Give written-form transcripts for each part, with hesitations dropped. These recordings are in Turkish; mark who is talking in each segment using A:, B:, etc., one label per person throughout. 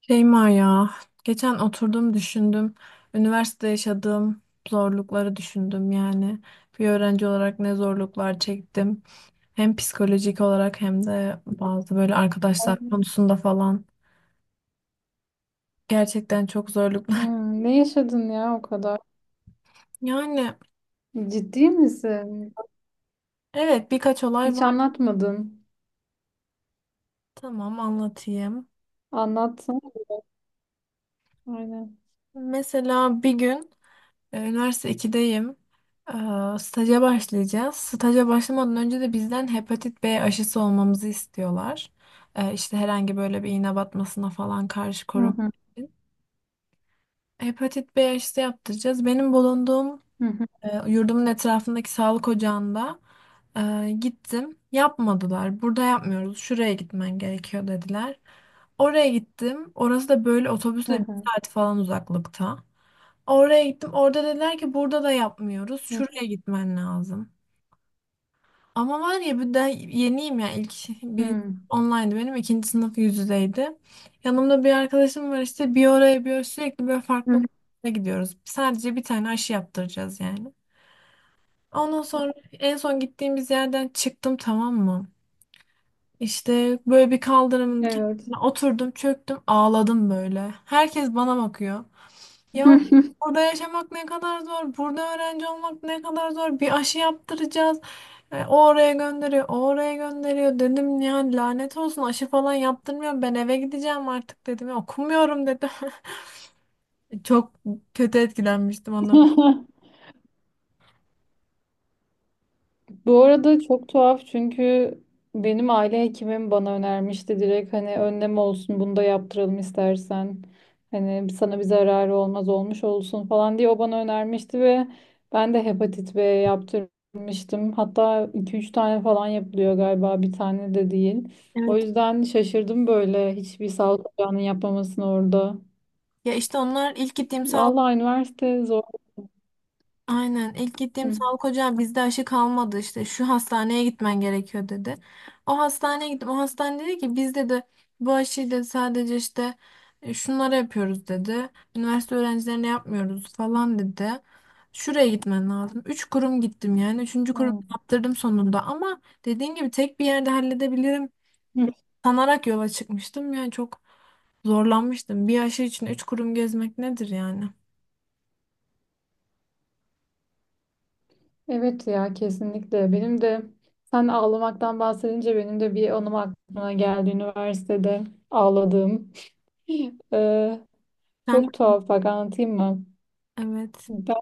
A: Şeyma ya, geçen oturdum düşündüm. Üniversite yaşadığım zorlukları düşündüm yani. Bir öğrenci olarak ne zorluklar çektim. Hem psikolojik olarak hem de bazı böyle arkadaşlar
B: Hmm,
A: konusunda falan. Gerçekten çok zorluklar.
B: ne yaşadın ya o kadar?
A: Yani,
B: Ciddi misin?
A: evet, birkaç olay
B: Hiç
A: var.
B: anlatmadın.
A: Tamam, anlatayım.
B: Anlatsana. Aynen.
A: Mesela bir gün. Üniversite ikideyim. E, Staja başlayacağız. Staja başlamadan önce de bizden hepatit B aşısı olmamızı istiyorlar. İşte herhangi böyle bir iğne batmasına falan karşı
B: Hı
A: korun.
B: hı,
A: Hepatit B aşısı yaptıracağız. Benim bulunduğum
B: hı hı,
A: yurdumun etrafındaki sağlık ocağında gittim. Yapmadılar. Burada yapmıyoruz, şuraya gitmen gerekiyor dediler. Oraya gittim. Orası da böyle
B: hı
A: otobüsle bir
B: hı,
A: saat falan uzaklıkta. Oraya gittim. Orada dediler ki burada da yapmıyoruz, şuraya gitmen lazım. Ama var ya, bir de yeniyim ya. İlk birinci
B: hı
A: online'dı benim. İkinci sınıf yüz yüzeydi. Yanımda bir arkadaşım var, işte bir oraya bir oraya sürekli böyle
B: hı.
A: farklı gruplara gidiyoruz. Sadece bir tane aşı yaptıracağız yani. Ondan sonra en son gittiğimiz yerden çıktım, tamam mı? İşte böyle bir kaldırımın
B: Evet.
A: kenarına oturdum, çöktüm, ağladım böyle. Herkes bana bakıyor. Ya, burada yaşamak ne kadar zor, burada öğrenci olmak ne kadar zor. Bir aşı yaptıracağız. O oraya gönderiyor, o oraya gönderiyor. Dedim ya, lanet olsun, aşı falan yaptırmıyor. Ben eve gideceğim artık dedim. Ya, okumuyorum dedim. Çok kötü etkilenmiştim ondan.
B: Bu arada çok tuhaf çünkü benim aile hekimim bana önermişti direkt hani önlem olsun bunu da yaptıralım istersen. Hani sana bir zararı olmaz olmuş olsun falan diye o bana önermişti ve ben de hepatit B yaptırmıştım. Hatta iki üç tane falan yapılıyor galiba bir tane de değil. O
A: Evet.
B: yüzden şaşırdım böyle hiçbir sağlık ocağının yapmamasını orada.
A: Ya işte onlar ilk gittiğim sağlık
B: Vallahi üniversite zor.
A: Aynen, ilk gittiğim
B: Hı.
A: sağlık ocağı bizde aşı kalmadı, işte şu hastaneye gitmen gerekiyor dedi. O hastaneye gittim, o hastane dedi ki bizde de bu aşıyı dedi sadece işte şunlara yapıyoruz dedi. Üniversite öğrencilerine yapmıyoruz falan dedi. Şuraya gitmen lazım. Üç kurum gittim yani. Üçüncü
B: Hı.
A: kurum yaptırdım sonunda, ama dediğin gibi tek bir yerde halledebilirim sanarak yola çıkmıştım. Yani çok zorlanmıştım. Bir aşı için üç kurum gezmek nedir yani?
B: Evet ya kesinlikle. Benim de sen ağlamaktan bahsedince benim de bir anım aklıma geldi üniversitede ağladığım. Ee,
A: Sen,
B: çok tuhaf bak anlatayım mı?
A: evet.
B: Ben,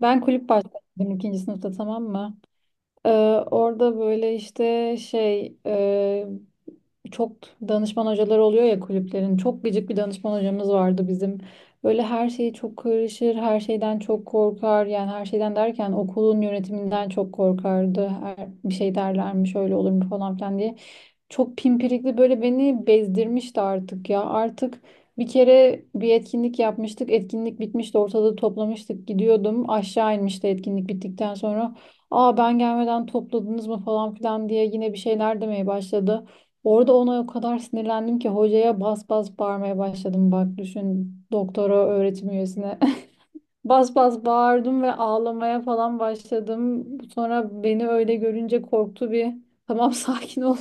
B: ben kulüp başkanıydım ikinci sınıfta, tamam mı? Ee, orada böyle işte Çok danışman hocaları oluyor ya kulüplerin. Çok gıcık bir danışman hocamız vardı bizim. Böyle her şeyi çok karışır, her şeyden çok korkar. Yani her şeyden derken okulun yönetiminden çok korkardı. Bir şey derlermiş, öyle olur mu falan filan diye. Çok pimpirikli böyle beni bezdirmişti artık ya. Artık bir kere bir etkinlik yapmıştık. Etkinlik bitmişti. Ortalığı toplamıştık. Gidiyordum. Aşağı inmişti etkinlik bittikten sonra. Aa, ben gelmeden topladınız mı falan filan diye yine bir şeyler demeye başladı. Orada ona o kadar sinirlendim ki hocaya bas bas bağırmaya başladım. Bak düşün, doktora öğretim üyesine. Bas bas bağırdım ve ağlamaya falan başladım. Sonra beni öyle görünce korktu bir. Tamam, sakin ol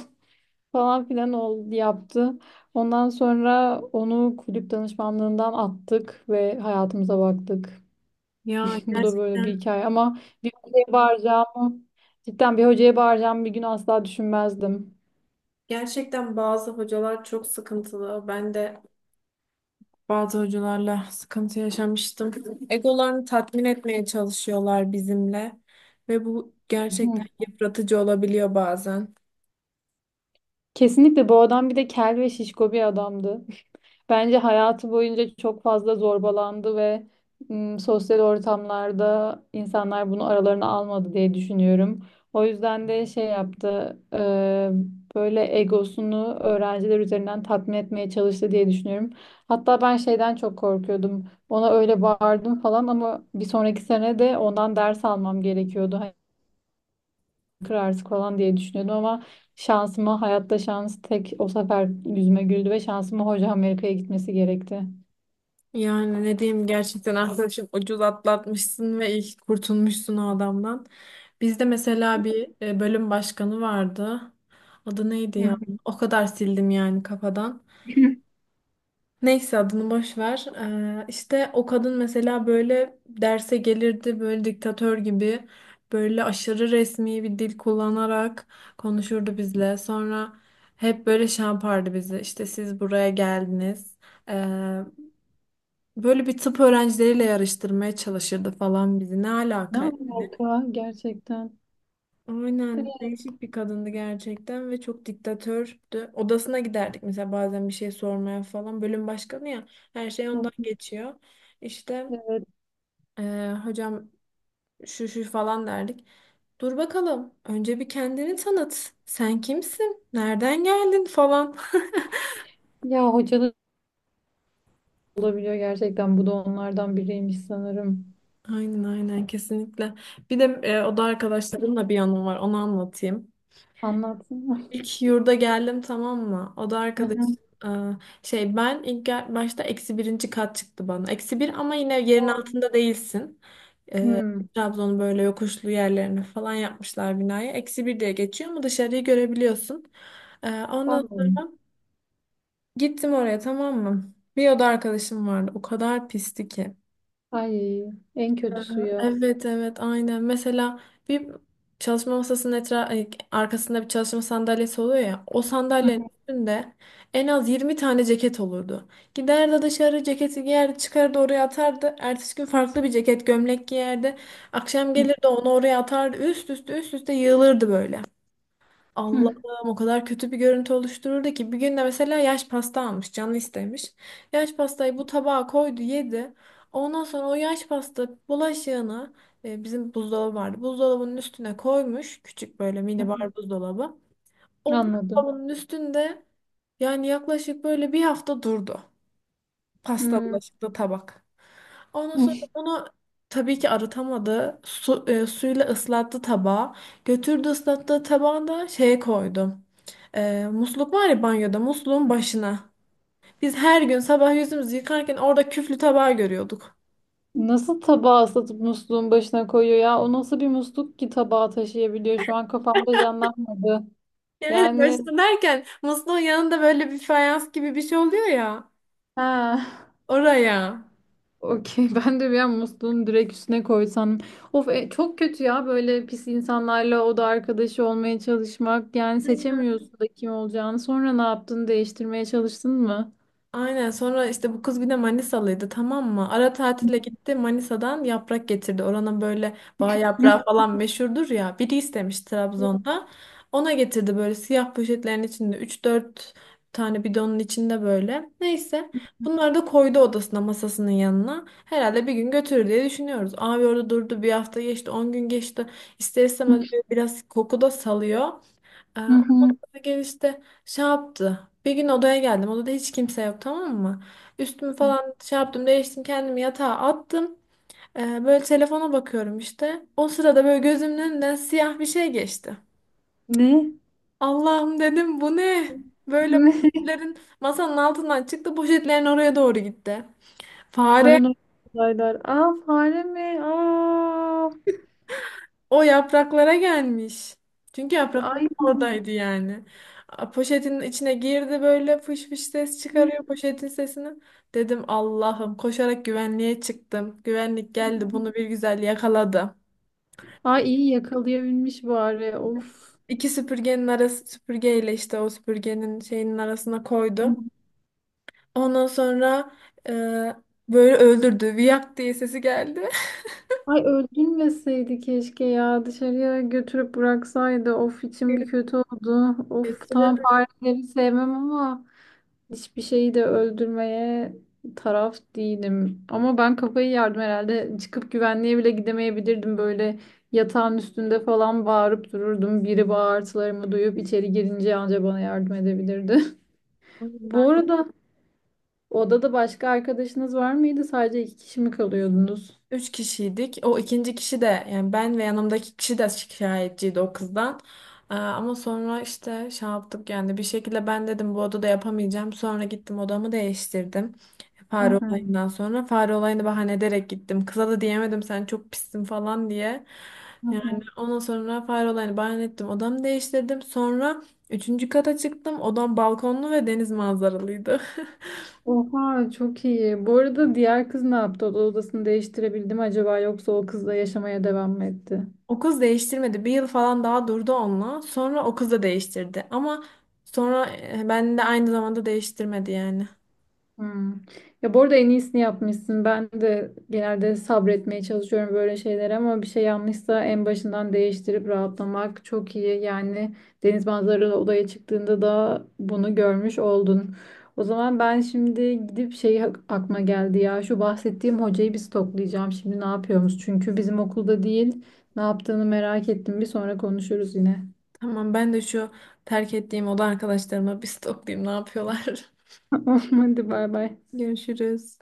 B: falan filan oldu, yaptı. Ondan sonra onu kulüp danışmanlığından attık ve hayatımıza baktık.
A: Ya
B: Bu da böyle bir
A: gerçekten
B: hikaye, ama bir hocaya bağıracağımı, cidden bir hocaya bağıracağımı bir gün asla düşünmezdim.
A: Gerçekten bazı hocalar çok sıkıntılı. Ben de bazı hocalarla sıkıntı yaşamıştım. Egolarını tatmin etmeye çalışıyorlar bizimle ve bu
B: Hı.
A: gerçekten yıpratıcı olabiliyor bazen.
B: Kesinlikle bu adam bir de kel ve şişko bir adamdı. Bence hayatı boyunca çok fazla zorbalandı ve sosyal ortamlarda insanlar bunu aralarına almadı diye düşünüyorum. O yüzden de şey yaptı, böyle egosunu öğrenciler üzerinden tatmin etmeye çalıştı diye düşünüyorum. Hatta ben şeyden çok korkuyordum. Ona öyle bağırdım falan ama bir sonraki sene de ondan ders almam gerekiyordu. Hani kırarsın falan diye düşünüyordum ama şansıma hayatta şans tek o sefer yüzüme güldü ve şansıma hoca Amerika'ya gitmesi gerekti.
A: Yani ne diyeyim, gerçekten arkadaşım, ucuz atlatmışsın ve ilk kurtulmuşsun o adamdan. Bizde mesela bir bölüm başkanı vardı. Adı neydi ya? O kadar sildim yani kafadan. Neyse, adını boş ver. İşte o kadın mesela böyle derse gelirdi, böyle diktatör gibi, böyle aşırı resmi bir dil kullanarak konuşurdu bizle. Sonra hep böyle şey yapardı bizi. İşte siz buraya geldiniz. Ee, Böyle bir tıp öğrencileriyle yarıştırmaya çalışırdı falan bizi. Ne
B: Ne
A: alaka?
B: alaka gerçekten?
A: Aynen,
B: Evet.
A: değişik bir kadındı gerçekten ve çok diktatördü. Odasına giderdik mesela bazen bir şey sormaya falan. Bölüm başkanı ya, her şey ondan geçiyor. İşte
B: Evet.
A: hocam şu şu falan derdik. Dur bakalım, önce bir kendini tanıt. Sen kimsin? Nereden geldin falan.
B: Ya hocalık olabiliyor gerçekten. Bu da onlardan biriymiş sanırım.
A: Aynen, aynen, kesinlikle. Bir de oda arkadaşlarımla bir anım var, onu anlatayım.
B: Anlatsana.
A: İlk yurda geldim, tamam mı? O da
B: Hı
A: arkadaş,
B: hı.
A: e, şey, ben ilk başta eksi birinci kat çıktı bana. Eksi bir ama yine yerin altında değilsin. E,
B: Hmm,
A: Trabzon'un böyle yokuşlu yerlerini falan yapmışlar, binaya eksi bir diye geçiyor ama dışarıyı görebiliyorsun. Ondan sonra
B: anladım.
A: gittim oraya, tamam mı? Bir oda arkadaşım vardı. O kadar pisti ki.
B: Ay, en
A: Ee,
B: kötüsü ya.
A: Evet, evet, aynen. Mesela bir çalışma masasının arkasında bir çalışma sandalyesi oluyor ya. O
B: Hı
A: sandalyenin üstünde en az 20 tane ceket olurdu. Giderdi dışarı, ceketi giyerdi, çıkardı oraya atardı. Ertesi gün farklı bir ceket, gömlek giyerdi. Akşam
B: hı.
A: gelirdi, onu oraya atardı. Üst üste üst üste yığılırdı böyle. Allah'ım, o kadar kötü bir görüntü oluştururdu ki, bir gün de mesela yaş pasta almış, canı istemiş. Yaş pastayı bu tabağa koydu, yedi. Ondan sonra o yaş pasta bulaşığını, bizim buzdolabı vardı. Buzdolabının üstüne koymuş, küçük böyle
B: Hı hı.
A: minibar buzdolabı. O
B: Anladım.
A: buzdolabının üstünde yani yaklaşık böyle bir hafta durdu. Pasta
B: Hmm.
A: bulaşıklı tabak. Ondan sonra onu tabii ki arıtamadı. Suyla ıslattı tabağı. Götürdü, ıslattığı tabağı da şeye koydu. Musluk var ya banyoda, musluğun başına. Biz her gün sabah yüzümüzü yıkarken orada küflü tabağı görüyorduk.
B: Nasıl tabağı ıslatıp musluğun başına koyuyor ya? O nasıl bir musluk ki tabağı taşıyabiliyor? Şu an kafamda canlanmadı.
A: Yani
B: Yani
A: başına derken, musluğun yanında böyle bir fayans gibi bir şey oluyor ya.
B: ha.
A: Oraya.
B: Okey. Ben de bir an musluğun direkt üstüne koysam. Of, çok kötü ya böyle pis insanlarla oda arkadaşı olmaya çalışmak. Yani seçemiyorsun da kim olacağını. Sonra ne yaptın? Değiştirmeye çalıştın mı?
A: Aynen, sonra işte bu kız bir de Manisalıydı, tamam mı? Ara tatile gitti, Manisa'dan yaprak getirdi. Oranın böyle bağ yaprağı falan meşhurdur ya. Biri istemiş Trabzon'da. Ona getirdi böyle siyah poşetlerin içinde, üç dört tane bidonun içinde böyle. Neyse, bunları da koydu odasına, masasının yanına. Herhalde bir gün götürür diye düşünüyoruz. Abi, orada durdu, bir hafta geçti, 10 gün geçti. İster istemez böyle biraz koku da salıyor.
B: Hı
A: Ondan
B: hı.
A: sonra gel işte şey yaptı. Bir gün odaya geldim. Odada hiç kimse yok, tamam mı? Üstümü falan şey yaptım, değiştim, kendimi yatağa attım. Böyle telefona bakıyorum işte. O sırada böyle gözümün önünden siyah bir şey geçti.
B: Ne?
A: Allah'ım dedim, bu ne? Böyle
B: Ne?
A: poşetlerin masanın altından çıktı, poşetlerin oraya doğru gitti. Fare.
B: Paranormal olaylar. Aa, fare mi? Aa.
A: O yapraklara gelmiş. Çünkü yaprakları
B: Ay.
A: oradaydı yani. A, poşetin içine girdi, böyle fış fış ses çıkarıyor, poşetin sesini. Dedim Allah'ım, koşarak güvenliğe çıktım. Güvenlik geldi, bunu bir güzel yakaladı.
B: Ay, iyi yakalayabilmiş bari. Of.
A: İki süpürgenin arası, süpürgeyle işte o süpürgenin şeyinin arasına koydum. Ondan sonra e, böyle öldürdü. Viyak diye sesi geldi.
B: Ay, öldürmeseydi keşke ya. Dışarıya götürüp bıraksaydı. Of, içim bir kötü oldu. Of,
A: Götüre.
B: tamam, fareleri sevmem ama hiçbir şeyi de öldürmeye taraf değilim. Ama ben kafayı yardım herhalde. Çıkıp güvenliğe bile gidemeyebilirdim. Böyle yatağın üstünde falan bağırıp dururdum. Biri bağırtılarımı duyup içeri girince anca bana yardım edebilirdi. Bu arada odada başka arkadaşınız var mıydı? Sadece iki kişi mi kalıyordunuz?
A: Üç kişiydik. O ikinci kişi de yani, ben ve yanımdaki kişi de şikayetçiydi o kızdan. Ama sonra işte şey yaptık yani, bir şekilde ben dedim bu odada yapamayacağım. Sonra gittim, odamı değiştirdim.
B: Hı
A: Fare
B: hı,
A: olayından sonra, fare olayını bahane ederek gittim. Kıza da diyemedim sen çok pissin falan diye.
B: hı
A: Yani
B: hı.
A: ondan sonra fare olayını bahane ettim. Odamı değiştirdim. Sonra üçüncü kata çıktım. Odam balkonlu ve deniz manzaralıydı.
B: Oha, çok iyi. Bu arada diğer kız ne yaptı? O da odasını değiştirebildi mi acaba, yoksa o kızla yaşamaya devam mı etti?
A: O kız değiştirmedi. Bir yıl falan daha durdu onunla. Sonra o kız da değiştirdi. Ama sonra ben de aynı zamanda değiştirmedi yani.
B: Hmm. Ya bu arada en iyisini yapmışsın. Ben de genelde sabretmeye çalışıyorum böyle şeylere ama bir şey yanlışsa en başından değiştirip rahatlamak çok iyi. Yani deniz manzaralı odaya çıktığında da bunu görmüş oldun. O zaman ben şimdi gidip aklıma geldi ya. Şu bahsettiğim hocayı bir stoklayacağım. Şimdi ne yapıyoruz? Çünkü bizim okulda değil. Ne yaptığını merak ettim. Bir sonra konuşuruz yine.
A: Tamam, ben de şu terk ettiğim oda arkadaşlarıma bir stoklayayım, ne yapıyorlar.
B: Hadi bay bay.
A: Görüşürüz.